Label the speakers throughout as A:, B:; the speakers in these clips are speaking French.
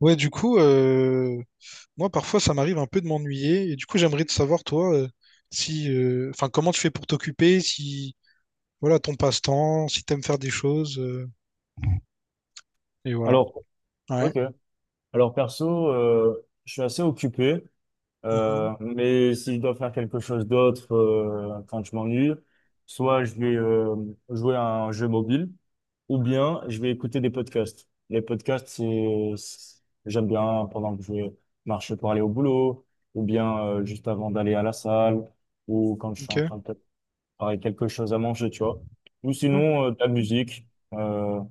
A: Ouais, du coup, moi parfois ça m'arrive un peu de m'ennuyer et du coup j'aimerais te savoir toi, si, enfin comment tu fais pour t'occuper, si voilà ton passe-temps, si t'aimes faire des choses et voilà.
B: Alors,
A: Ouais.
B: ok. Alors perso, je suis assez occupé,
A: Mhm.
B: mais si je dois faire quelque chose d'autre quand je m'ennuie, soit je vais jouer à un jeu mobile, ou bien je vais écouter des podcasts. Les podcasts, j'aime bien pendant que je marche pour aller au boulot, ou bien juste avant d'aller à la salle, ou quand je suis
A: Ok.
B: en train de préparer quelque chose à manger, tu vois. Ou
A: Ouais.
B: sinon, de la musique, euh,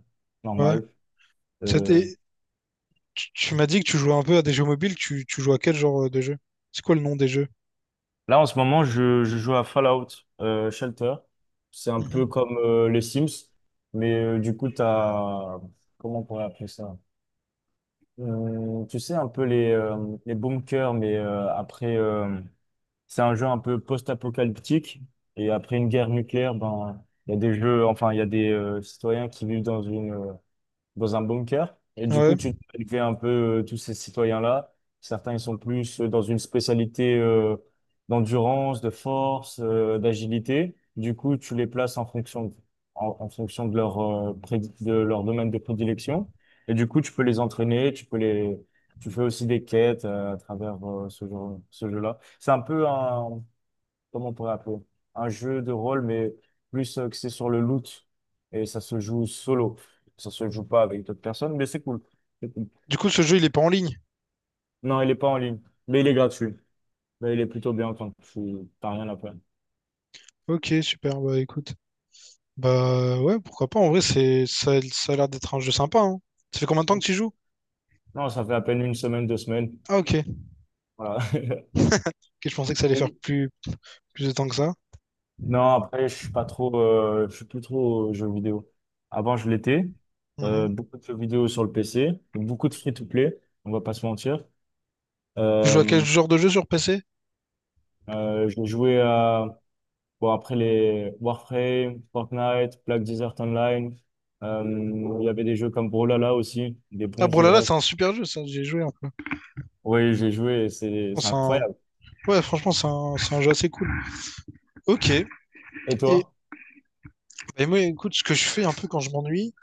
A: Ouais.
B: normale.
A: Ça
B: euh,
A: t'est- tu m'as dit que tu jouais un peu à des jeux mobiles. Tu joues à quel genre de jeu? C'est quoi le nom des jeux?
B: Là, en ce moment, je joue à Fallout Shelter. C'est un peu
A: Mhm.
B: comme les Sims, mais du coup, t'as Comment on pourrait appeler ça? Tu sais, un peu les bunkers, mais après, c'est un jeu un peu post-apocalyptique. Et après une guerre nucléaire, ben, il y a des jeux, enfin, il y a des citoyens qui vivent dans un bunker. Et du coup,
A: Ouais.
B: tu dois élever un peu tous ces citoyens-là. Certains, ils sont plus dans une spécialité d'endurance, de force, d'agilité. Du coup, tu les places en fonction de, en, en fonction de leur, prédi- de leur domaine de prédilection. Et du coup, tu peux les entraîner, tu fais aussi des quêtes à travers ce jeu-là. C'est un peu un, comment on pourrait appeler? Un jeu de rôle, mais plus axé sur le loot. Et ça se joue solo. Ça se joue pas avec d'autres personnes, mais c'est cool. C'est cool.
A: Du coup, ce jeu il est pas en ligne.
B: Non, il est pas en ligne, mais il est gratuit. Mais il est plutôt bien quand tu t'as rien à perdre.
A: Ok, super. Bah écoute, bah ouais, pourquoi pas. En vrai, c'est ça, ça a l'air d'être un jeu sympa, hein. Ça fait combien de temps que tu y joues?
B: Non, ça fait à peine une semaine, 2 semaines.
A: Ah ok.
B: Voilà.
A: Ok, je pensais que ça allait faire plus. Plus de temps que ça.
B: Non, après, je suis pas trop, je suis plus trop jeux vidéo. Avant, je l'étais.
A: Mhm.
B: Beaucoup de jeux vidéo sur le PC, beaucoup de free-to-play, on va pas se mentir.
A: Tu joues à quel
B: Euh,
A: genre de jeu sur PC?
B: j'ai joué à Bon, après les Warframe, Fortnite, Black Desert Online, euh, il y avait des jeux comme Brawlhalla aussi, des
A: Ah,
B: bons jeux de
A: Brawlhalla,
B: rêve.
A: c'est un super jeu, ça, j'ai joué un peu.
B: Oui, j'ai joué et c'est
A: C'est un-
B: incroyable.
A: Ouais, franchement, c'est un c'est un jeu assez cool. Ok.
B: Et
A: Et,
B: toi?
A: et moi, écoute, ce que je fais un peu quand je m'ennuie,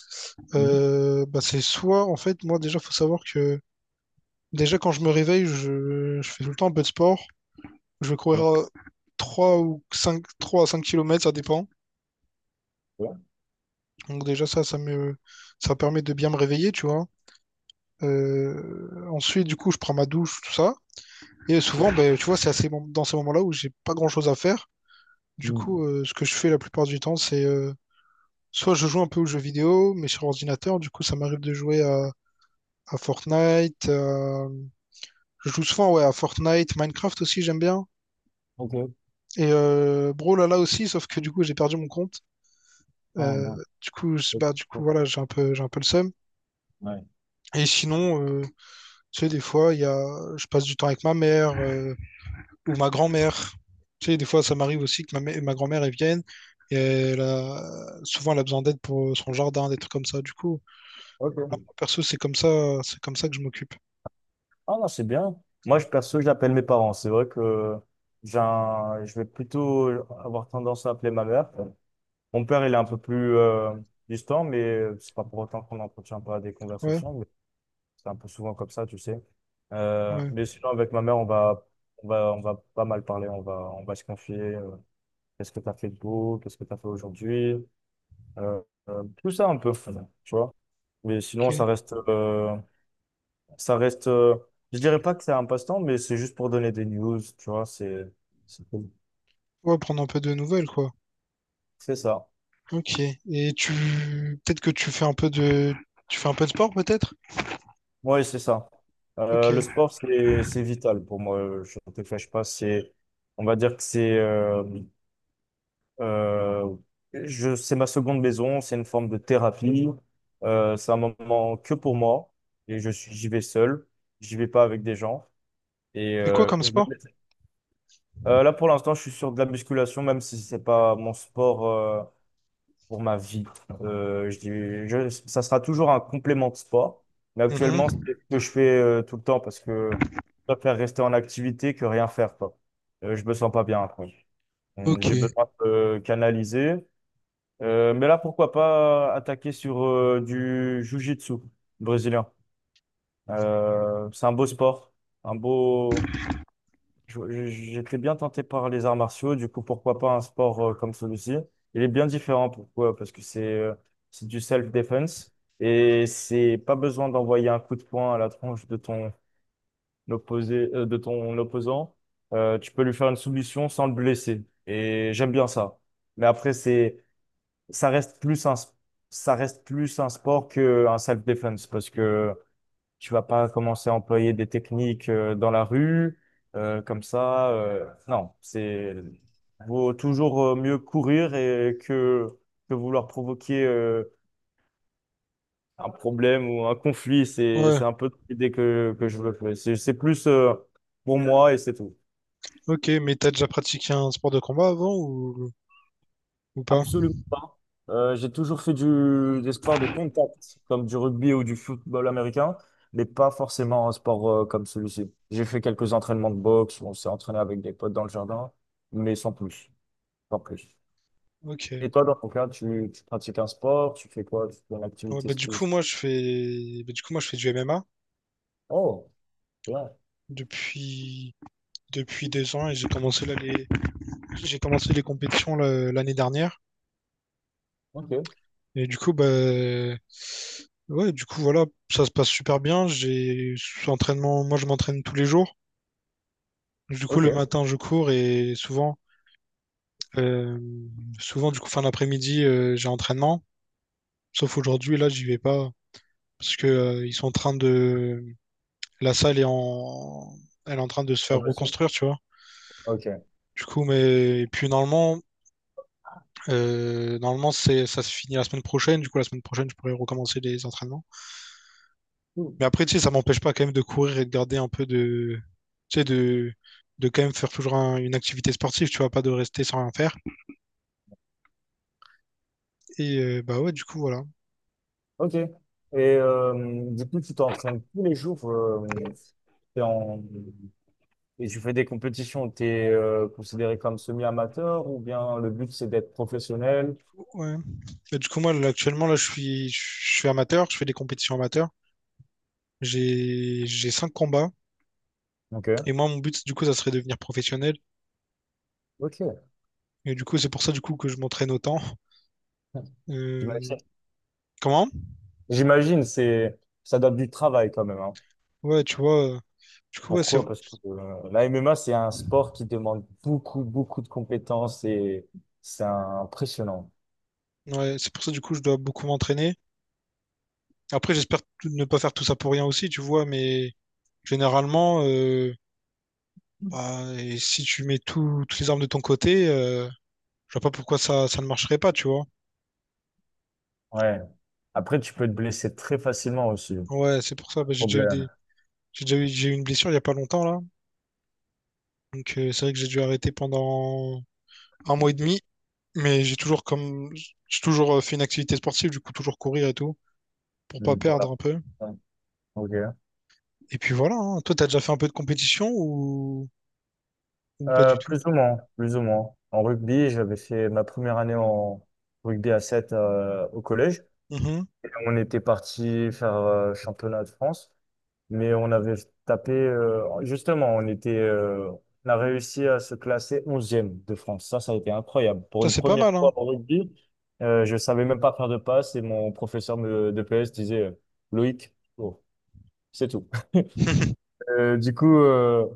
B: Mhm.
A: bah, c'est soit, en fait, moi, déjà, faut savoir que, déjà, quand je me réveille, je fais tout le temps un peu de sport. Je vais courir,
B: Bien,
A: 3 ou cinq, 3 à 5 kilomètres, ça dépend.
B: ouais,
A: Donc, déjà, ça permet de bien me réveiller, tu vois. Ensuite, du coup, je prends ma douche, tout ça. Et souvent,
B: ok.
A: ben, tu vois, c'est à dans ces moments-là où j'ai pas grand-chose à faire. Du coup,
B: Hmm,
A: ce que je fais la plupart du temps, c'est, soit je joue un peu aux jeux vidéo, mais sur ordinateur. Du coup, ça m'arrive de à Fortnite. Je joue souvent, ouais, à Fortnite, Minecraft aussi, j'aime bien.
B: Ok.
A: Et Brawl là aussi, sauf que du coup, j'ai perdu mon compte.
B: Ah,
A: Euh,
B: non. Ok,
A: Bah, du coup,
B: ok,
A: voilà, j'ai un peu le seum.
B: ouais.
A: Et sinon, tu sais, des fois, je passe du temps avec ma mère, ou ma grand-mère. Tu sais, des fois, ça m'arrive aussi que ma grand-mère, elle vienne et souvent, elle a besoin d'aide pour son jardin, des trucs comme ça. Du coup,
B: Ok.
A: perso, c'est comme ça que je m'occupe.
B: Ah non, c'est bien. Moi, je perso, j'appelle mes parents. C'est vrai que je vais plutôt avoir tendance à appeler ma mère. Mon père, il est un peu plus distant, mais c'est pas pour autant qu'on n'entretient pas des
A: Ouais,
B: conversations. C'est un peu souvent comme ça, tu sais.
A: ouais,
B: Mais sinon, avec ma mère, on va pas mal parler. On va se confier. Qu'est-ce que tu as fait de beau? Qu'est-ce que tu as fait aujourd'hui? Euh, Tout ça un peu, tu vois. Mais sinon,
A: ok.
B: ça reste, euh, je dirais pas que c'est un passe-temps, mais c'est juste pour donner des news, tu vois, c'est cool.
A: Ouais, prendre un peu de nouvelles, quoi.
B: C'est ça.
A: Ok. Et tu, peut-être que tu fais un peu de, tu fais un peu de sport, peut-être?
B: Oui, c'est ça. Le
A: Ok.
B: sport, c'est vital pour moi. Je ne te cache pas, c'est, on va dire que c'est, Euh, c'est ma seconde maison, c'est une forme de thérapie. C'est un moment que pour moi et j'y vais seul, j'y vais pas avec des gens. Et
A: Et quoi comme sport?
B: là pour l'instant, je suis sur de la musculation, même si c'est pas mon sport pour ma vie. Euh, je, dis- Ça sera toujours un complément de sport, mais actuellement, c'est
A: Mhm.
B: ce que je fais tout le temps parce que je préfère rester en activité que rien faire, quoi. Je me sens pas bien après.
A: Ok.
B: J'ai besoin de canaliser. Mais là, pourquoi pas attaquer sur du jiu-jitsu brésilien. C'est un beau sport, un beau. J'étais bien tenté par les arts martiaux, du coup, pourquoi pas un sport comme celui-ci? Il est bien différent, pourquoi? Parce que c'est du self-defense et c'est pas besoin d'envoyer un coup de poing à la tronche de ton opposant. Tu peux lui faire une soumission sans le blesser et j'aime bien ça. Mais après, c'est ça reste plus un, s- ça reste plus un sport qu'un self-defense parce que tu vas pas commencer à employer des techniques dans la rue comme ça. Non, c'est vaut toujours mieux courir et que vouloir provoquer un problème ou un conflit. C'est,
A: Ouais.
B: c'est un peu l'idée que je veux faire. C'est plus pour moi et c'est tout.
A: Ok, mais t'as déjà pratiqué un sport de combat avant ou pas?
B: Absolument pas. J'ai toujours fait des sports de contact, comme du rugby ou du football américain, mais pas forcément un sport comme celui-ci. J'ai fait quelques entraînements de boxe, on s'est entraîné avec des potes dans le jardin, mais sans plus, sans plus.
A: Ok.
B: Et toi, dans ton cas, tu pratiques un sport, tu fais quoi? Tu fais une
A: Ouais,
B: activité
A: bah,
B: physique?
A: du coup moi je fais du MMA
B: Oh, bien.
A: depuis depuis 2 ans, et j'ai commencé là les j'ai commencé les compétitions l'année dernière,
B: Ok,
A: et du coup bah ouais, du coup voilà, ça se passe super bien. J'ai entraînement Moi je m'entraîne tous les jours, du coup le
B: ok.
A: matin je cours, et souvent, euh, fin d'après-midi, j'ai entraînement, sauf aujourd'hui là j'y vais pas parce que, ils sont en train de la salle est en elle est en train de se
B: Ah
A: faire
B: bah, sûr.
A: reconstruire, tu vois,
B: Ok.
A: du coup. Mais et puis normalement normalement, ça se finit la semaine prochaine. Du coup, la semaine prochaine, je pourrais recommencer les entraînements.
B: Cool.
A: Mais après, tu sais, ça m'empêche pas quand même de courir et de garder un peu de, tu sais, de quand même faire toujours une activité sportive. Tu vois, pas de rester sans rien faire. Et bah ouais, du coup, voilà.
B: Ok. Et du coup, tu t'entraînes tous les jours. T'es en, Et tu fais des compétitions, tu es considéré comme semi-amateur ou bien le but c'est d'être professionnel?
A: Ouais. Et du coup, moi, là, actuellement, là, je suis amateur. Je fais des compétitions amateurs. J'ai 5 combats. Et
B: Ok,
A: moi, mon but, du coup, ça serait de devenir professionnel.
B: ok.
A: Et du coup, c'est pour ça, du coup, que je m'entraîne autant. Euh,
B: J'imagine,
A: comment?
B: J'imagine, ça donne du travail quand même, hein.
A: Ouais, tu vois. Du coup, ouais, c'est
B: Pourquoi? Parce que la MMA, c'est un sport qui demande beaucoup, beaucoup de compétences et c'est impressionnant.
A: Ouais, c'est pour ça, du coup, je dois beaucoup m'entraîner. Après, j'espère ne pas faire tout ça pour rien aussi, tu vois, mais généralement, bah, et si tu mets toutes les armes de ton côté, je vois pas pourquoi ça ne marcherait pas, tu vois.
B: Ouais. Après, tu peux te blesser très facilement aussi.
A: Ouais, c'est pour ça, bah,
B: Problème.
A: j'ai eu une blessure il y a pas longtemps, là. Donc, c'est vrai que j'ai dû arrêter pendant 1 mois et demi, mais j'ai toujours, fait une activité sportive, du coup, toujours courir et tout, pour pas
B: Mm, Pour
A: perdre
B: la...
A: un peu.
B: Ouais. Ok.
A: Et puis voilà, hein. Toi, t'as déjà fait un peu de compétition ou pas du tout?
B: Plus ou moins, plus ou moins. En rugby, j'avais fait ma première année en rugby à 7 au collège.
A: Mhm.
B: Et on était parti faire championnat de France, mais on avait tapé, justement, on était, on a réussi à se classer 11e de France. Ça a été incroyable. Pour
A: Ça,
B: une
A: c'est pas
B: première
A: mal, hein.
B: fois en rugby, je savais même pas faire de passe et mon professeur de PS disait Loïc, oh, c'est tout. Euh, du coup, euh,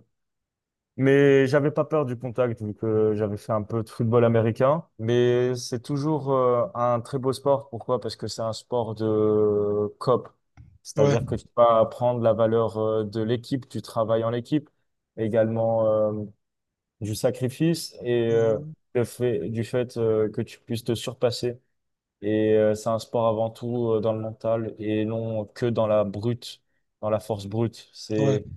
B: Mais j'avais pas peur du contact vu que j'avais fait un peu de football américain. Mais c'est toujours un très beau sport. Pourquoi? Parce que c'est un sport de COP.
A: Ouais.
B: C'est-à-dire que tu vas apprendre la valeur de l'équipe, du travail en équipe, également du sacrifice et
A: Mmh.
B: du fait que tu puisses te surpasser. Et c'est un sport avant tout dans le mental et non que dans la force brute.
A: Ouais.
B: C'est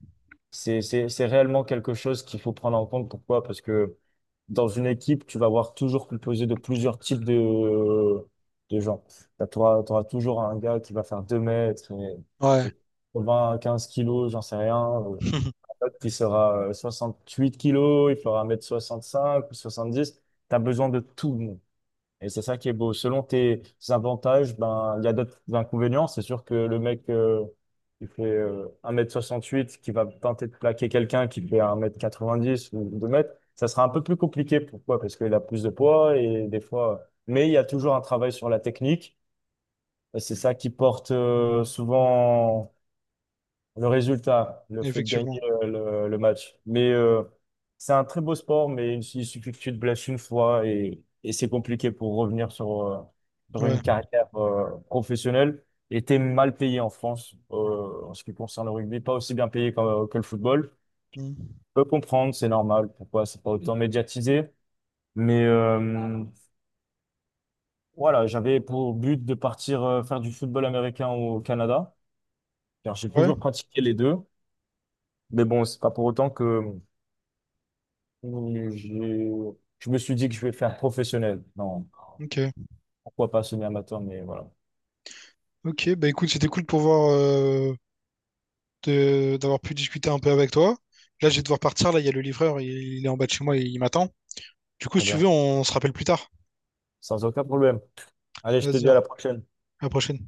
B: c'est, c'est, c'est réellement quelque chose qu'il faut prendre en compte. Pourquoi? Parce que dans une équipe, tu vas avoir toujours composé de plusieurs types de gens. Bah, tu auras toujours un gars qui va faire 2 m
A: Ouais.
B: et 20, 15 kilos, j'en sais rien. Un autre qui sera 68 kilos, il fera 1,65 m ou 70. Tu as besoin de tout. Et c'est ça qui est beau. Selon tes avantages, ben, il y a d'autres inconvénients. C'est sûr que le mec qui fait 1,68 m qui va tenter de plaquer quelqu'un qui fait 1,90 m ou 2 m, ça sera un peu plus compliqué. Pourquoi? Parce qu'il a plus de poids et des fois. Mais il y a toujours un travail sur la technique. Et c'est ça qui porte souvent le résultat, le fait de
A: Effectivement.
B: gagner le match. Mais c'est un très beau sport, mais il suffit que tu te blesses une fois et c'est compliqué pour revenir sur
A: Ouais.
B: une carrière professionnelle. Et t'es mal payé en France en ce qui concerne le rugby, pas aussi bien payé que le football.
A: Mmh.
B: Je peux comprendre, c'est normal, pourquoi c'est pas autant médiatisé. Mais voilà, j'avais pour but de partir faire du football américain au Canada, car j'ai
A: Ouais,
B: toujours pratiqué les deux. Mais bon, c'est pas pour autant que Mmh, Je, je me suis dit que je vais faire professionnel. Non,
A: OK.
B: pourquoi pas semi-amateur, mais voilà.
A: OK, bah, écoute, c'était cool de pouvoir, de d'avoir pu discuter un peu avec toi. Là, je vais devoir partir, là, il y a le livreur, il est en bas de chez moi, et il m'attend. Du coup,
B: Très
A: si tu
B: bien.
A: veux, on se rappelle plus tard.
B: Sans aucun problème. Allez, je te
A: Vas-y,
B: dis à
A: hein,
B: la prochaine.
A: à la prochaine.